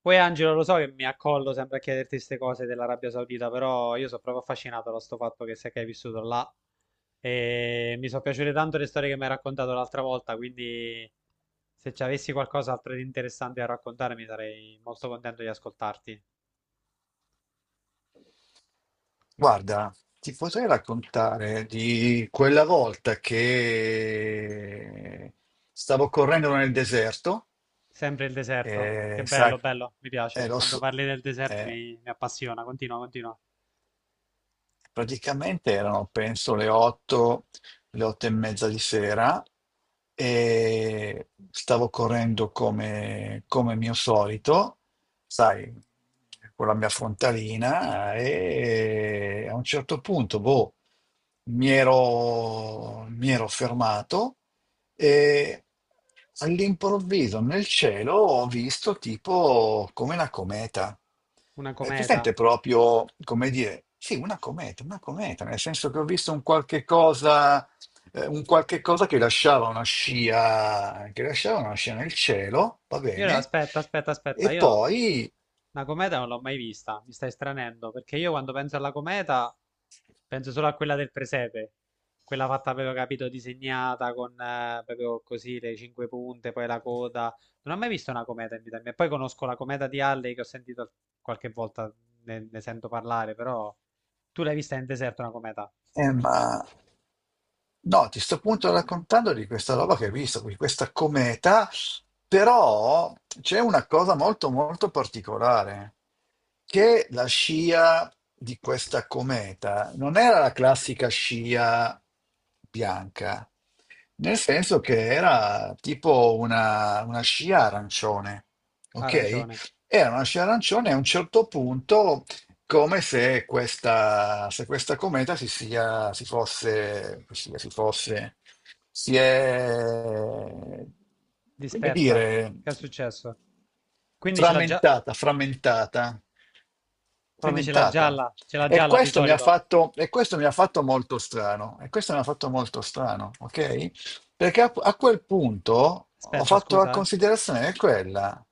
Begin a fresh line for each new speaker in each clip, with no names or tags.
Poi Angelo, lo so che mi accollo sempre a chiederti queste cose dell'Arabia Saudita, però io sono proprio affascinato da sto fatto che sei che hai vissuto là e mi sono piaciute tanto le storie che mi hai raccontato l'altra volta, quindi se ci avessi qualcos'altro di interessante da raccontarmi sarei molto contento di ascoltarti.
Guarda, ti potrei raccontare di quella volta che stavo correndo nel deserto,
Sempre il deserto, che
sai,
bello, bello, mi
e
piace.
lo
Quando
so-
parli del deserto
eh,
mi appassiona, continua, continua.
praticamente erano penso le 8, le 8 e mezza di sera e stavo correndo come mio solito, sai, con la mia frontalina e a un certo punto, boh, mi ero fermato e all'improvviso nel cielo ho visto tipo come una cometa.
Una
È
cometa.
presente proprio, come dire, sì, una cometa, nel senso che ho visto un qualche cosa che lasciava una scia, che lasciava una scia nel cielo, va
Io no,
bene,
aspetta, aspetta, aspetta,
e
io
poi,
una cometa non l'ho mai vista, mi stai stranendo, perché io quando penso alla cometa penso solo a quella del presepe, quella fatta, avevo capito, disegnata con proprio così le cinque punte, poi la coda. Non ho mai visto una cometa in vita mia. Poi conosco la cometa di Halley che ho sentito qualche volta, ne sento parlare, però tu l'hai vista in deserto una cometa?
ma no, ti sto appunto raccontando di questa roba che hai visto, di questa cometa, però c'è una cosa molto molto particolare, che la scia di questa cometa non era la classica scia bianca, nel senso che era tipo una scia arancione, ok?
Arancione,
Era una scia arancione e a un certo punto come se se questa cometa si sia, si fosse, si fosse, si è, come
dispersa,
dire,
che è successo? Quindi ce l'ha già,
frammentata, frammentata,
quindi
frammentata.
ce l'ha
E
gialla di
questo mi ha
solito.
fatto, e questo mi ha fatto molto strano, e questo mi ha fatto molto strano, ok? Perché a quel punto ho
Aspetta,
fatto la
scusa, eh.
considerazione che quella.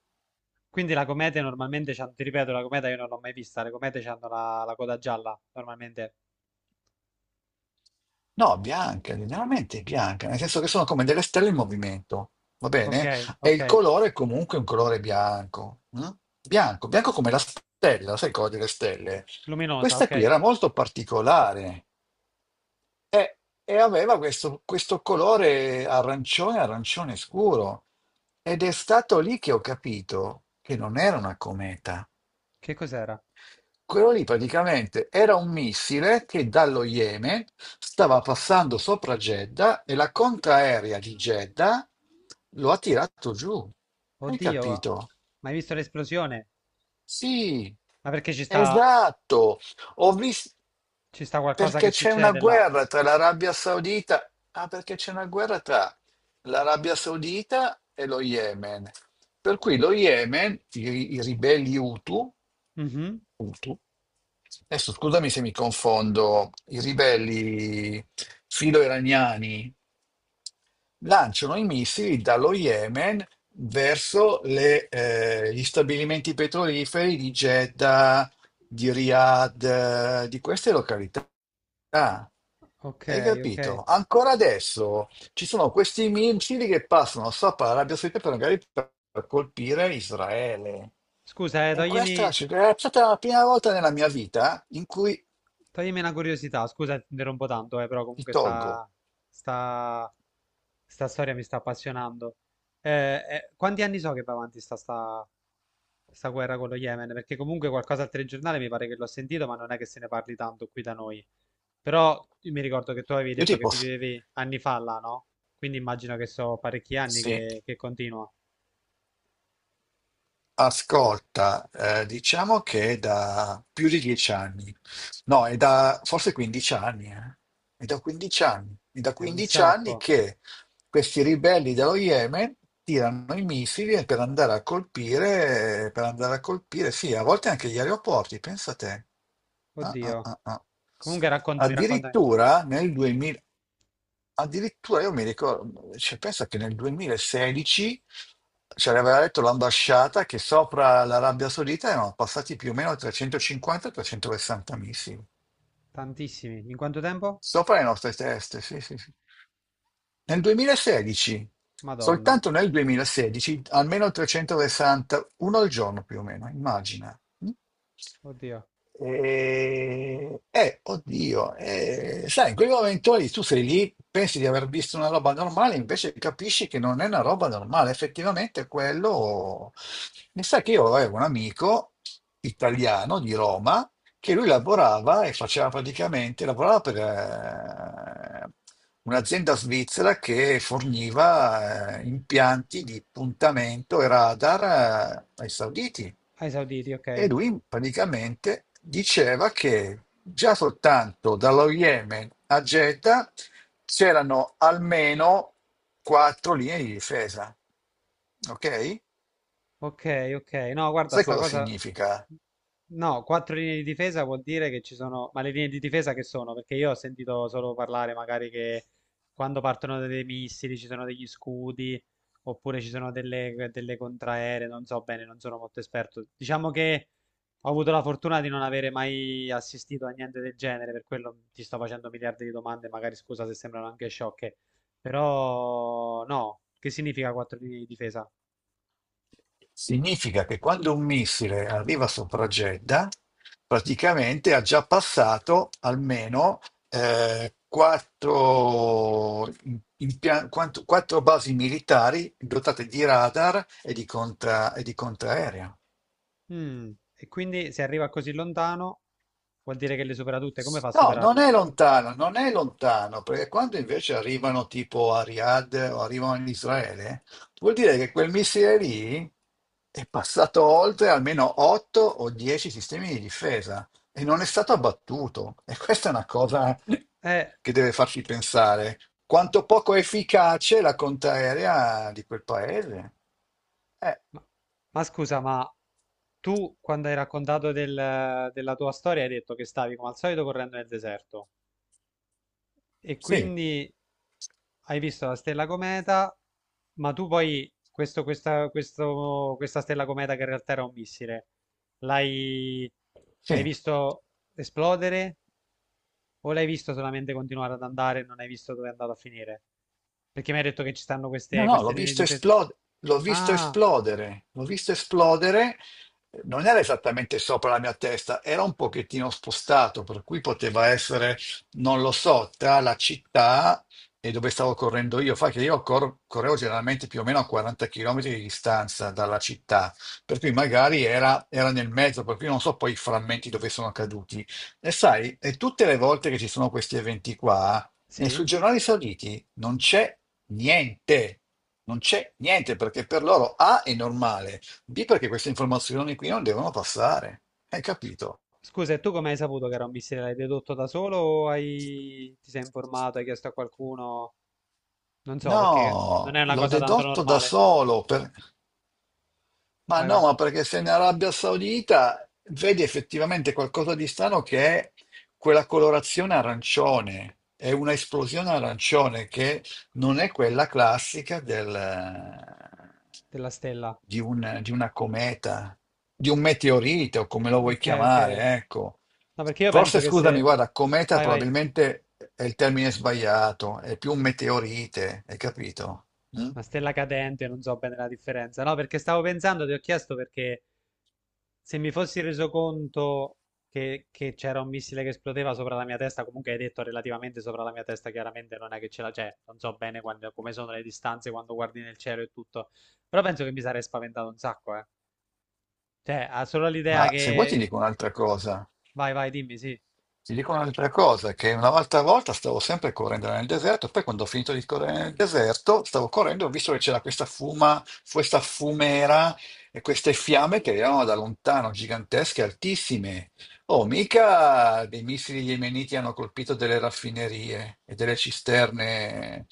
Quindi la comete normalmente c'ha, ti ripeto, la cometa io non l'ho mai vista, le comete hanno la coda gialla, normalmente.
No, bianche, generalmente bianca, nel senso che sono come delle stelle in movimento, va
Ok,
bene? E il
ok.
colore è comunque un colore bianco, mm? Bianco, bianco come la stella, sai cosa delle stelle?
Luminosa,
Questa
ok.
qui era molto particolare e aveva questo colore arancione, arancione scuro. Ed è stato lì che ho capito che non era una cometa.
Che cos'era?
Quello lì praticamente era un missile che dallo Yemen stava passando sopra Jeddah e la contraerea di Jeddah lo ha tirato giù. Hai
Oddio,
capito?
ma hai visto l'esplosione?
Sì,
Ma perché
esatto. Ho visto
ci sta qualcosa che
perché c'è una
succede là?
guerra tra l'Arabia Saudita. Ah, perché c'è una guerra tra l'Arabia Saudita e lo Yemen. Per cui lo Yemen, i ribelli Hutu,
Mhm.
punto. Adesso scusami se mi confondo, i ribelli filo-iraniani lanciano i missili dallo Yemen verso gli stabilimenti petroliferi di Jeddah, di Riyadh, di queste località.
Ok,
Hai
ok.
capito? Ancora adesso ci sono questi missili che passano sopra l'Arabia Saudita per magari per colpire Israele.
Scusa,
E questa
toglimi,
cioè, è stata la prima volta nella mia vita in cui
toglimi una curiosità, scusa, ti interrompo tanto, però
ti
comunque
tolgo.
sta, sta storia mi sta appassionando. Quanti anni so che va avanti sta guerra con lo Yemen, perché comunque qualcosa al telegiornale mi pare che l'ho sentito, ma non è che se ne parli tanto qui da noi. Però io mi ricordo che tu avevi
Io
detto che
tipo, s-
vivevi anni fa là, no? Quindi immagino che so parecchi anni
sì.
che continua.
Ascolta, diciamo che è da più di 10 anni, no, è da forse 15 anni, eh. È da 15 anni, è da
È un
15 anni
sacco.
che questi ribelli dello Yemen tirano i missili per andare a colpire, per andare a colpire, sì, a volte anche gli aeroporti, pensa te. Ah, ah,
Oddio.
ah, ah.
Comunque raccontami, raccontami.
Addirittura nel Addirittura io mi ricordo, cioè, pensa che nel 2016 ci aveva detto l'ambasciata che sopra l'Arabia Saudita erano passati più o meno 350-360 missili,
Tantissimi. In quanto tempo?
sopra le nostre teste, sì, sì, sì. Nel 2016,
Madonna.
soltanto nel 2016, almeno 360, uno al giorno più o meno, immagina. Mm?
Oddio.
E, oddio, sai, in quel momento lì tu sei lì, pensi di aver visto una roba normale, invece capisci che non è una roba normale. Effettivamente quello... Mi sa che io avevo un amico italiano di Roma che lui lavorava e faceva praticamente, lavorava per un'azienda svizzera che forniva impianti di puntamento e radar ai sauditi.
Ai Sauditi,
E
ok.
lui praticamente diceva che già soltanto dallo Yemen a Jeddah c'erano almeno quattro linee di difesa. Ok?
Ok, ok. No, guarda,
Sai
sta
cosa
cosa...
significa?
No, quattro linee di difesa vuol dire che ci sono... Ma le linee di difesa che sono? Perché io ho sentito solo parlare magari che quando partono dei missili ci sono degli scudi, oppure ci sono delle contraeree, non so bene, non sono molto esperto. Diciamo che ho avuto la fortuna di non avere mai assistito a niente del genere, per quello ti sto facendo miliardi di domande, magari scusa se sembrano anche sciocche. Però no, che significa quattro linee di difesa?
Significa che quando un missile arriva sopra Jeddah, praticamente ha già passato almeno quattro, im- impia- quanto- quattro basi militari dotate di radar e di contraerea.
Mm, e quindi se arriva così lontano vuol dire che le supera tutte. Come fa a
No, non
superarle?
è lontano, non è lontano, perché quando invece arrivano tipo a Riyadh o arrivano in Israele, vuol dire che quel missile lì è passato oltre almeno 8 o 10 sistemi di difesa e non è stato abbattuto. E questa è una cosa
Eh,
che deve farci pensare. Quanto poco efficace è la contraerea di quel paese? Eh,
ma, ma scusa, ma tu quando hai raccontato della tua storia hai detto che stavi come al solito correndo nel deserto e
sì,
quindi hai visto la stella cometa, ma tu poi questa stella cometa che in realtà era un missile, l'hai l'hai
sì.
visto esplodere? O l'hai visto solamente continuare ad andare e non hai visto dove è andato a finire? Perché mi hai detto che ci stanno
No, no,
queste
l'ho
linee di
visto
difesa.
esplodere, l'ho visto
Ah,
esplodere, l'ho visto esplodere, non era esattamente sopra la mia testa, era un pochettino spostato, per cui poteva essere, non lo so, tra la città e dove stavo correndo io. Fa che io correvo generalmente più o meno a 40 km di distanza dalla città, per cui magari era nel mezzo, per cui non so poi i frammenti dove sono caduti. E sai, e tutte le volte che ci sono questi eventi qua, nei
sì?
suggerolari sauditi non c'è niente, non c'è niente perché per loro A è normale, B perché queste informazioni qui non devono passare. Hai
S-
capito?
Scusa, e tu come hai saputo che era un missile? L'hai dedotto da solo o hai... ti sei informato, hai chiesto a qualcuno? Non so,
No,
perché non è una
l'ho
cosa tanto
dedotto da
normale.
solo. Ma
Vai,
no,
vai,
ma perché se in Arabia Saudita vedi effettivamente qualcosa di strano che è quella colorazione arancione, è una esplosione arancione che non è quella classica
della stella.
di una cometa, di un meteorite o come lo vuoi
Ok, ok.
chiamare, ecco.
No, perché io penso
Forse,
che
scusami,
se...
guarda, cometa
Vai, vai.
probabilmente è il termine sbagliato, è più un meteorite, hai capito? Mm?
Una stella cadente, non so bene la differenza. No, perché stavo pensando, ti ho chiesto perché se mi fossi reso conto che c'era un missile che esplodeva sopra la mia testa, comunque hai detto relativamente sopra la mia testa, chiaramente non è che ce la c'è, non so bene come sono le distanze quando guardi nel cielo e tutto, però penso che mi sarei spaventato un sacco, eh. Cioè, ha solo l'idea
Ma se vuoi ti
che...
dico un'altra cosa.
Vai, vai, dimmi, sì,
Ti dico un'altra cosa, che una volta a volta stavo sempre correndo nel deserto, poi quando ho finito di correre nel deserto, stavo correndo, ho visto che c'era questa fumera e queste fiamme che erano da lontano, gigantesche, altissime. Oh, mica dei missili yemeniti hanno colpito delle raffinerie e delle cisterne.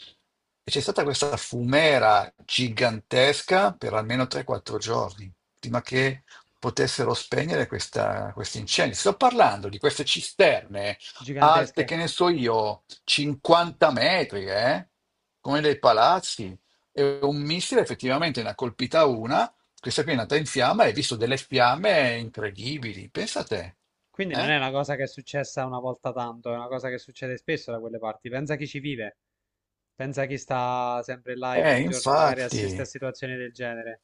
E c'è stata questa fumera gigantesca per almeno 3-4 giorni, prima che potessero spegnere questi incendi. Sto parlando di queste cisterne alte,
gigantesche.
che ne so io, 50 metri, eh? Come dei palazzi. E un missile effettivamente ne ha colpita una, questa qui è nata in fiamma e hai visto delle fiamme incredibili. Pensa a te.
Quindi non
Eh,
è una cosa che è successa una volta tanto, è una cosa che succede spesso da quelle parti. Pensa a chi ci vive, pensa a chi sta sempre là e
Eh,
ogni giorno magari assiste a
infatti.
situazioni del genere.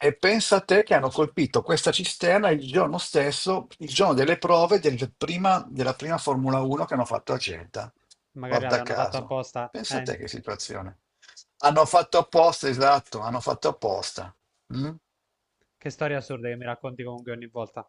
E pensa a te che hanno colpito questa cisterna il giorno stesso, il giorno delle prove della prima Formula 1 che hanno fatto a Jeddah.
Magari
Guarda
l'avranno fatto
caso.
apposta,
Pensa a te che situazione. Hanno fatto apposta, esatto, hanno fatto apposta. Mm?
che storie assurde che mi racconti comunque ogni volta.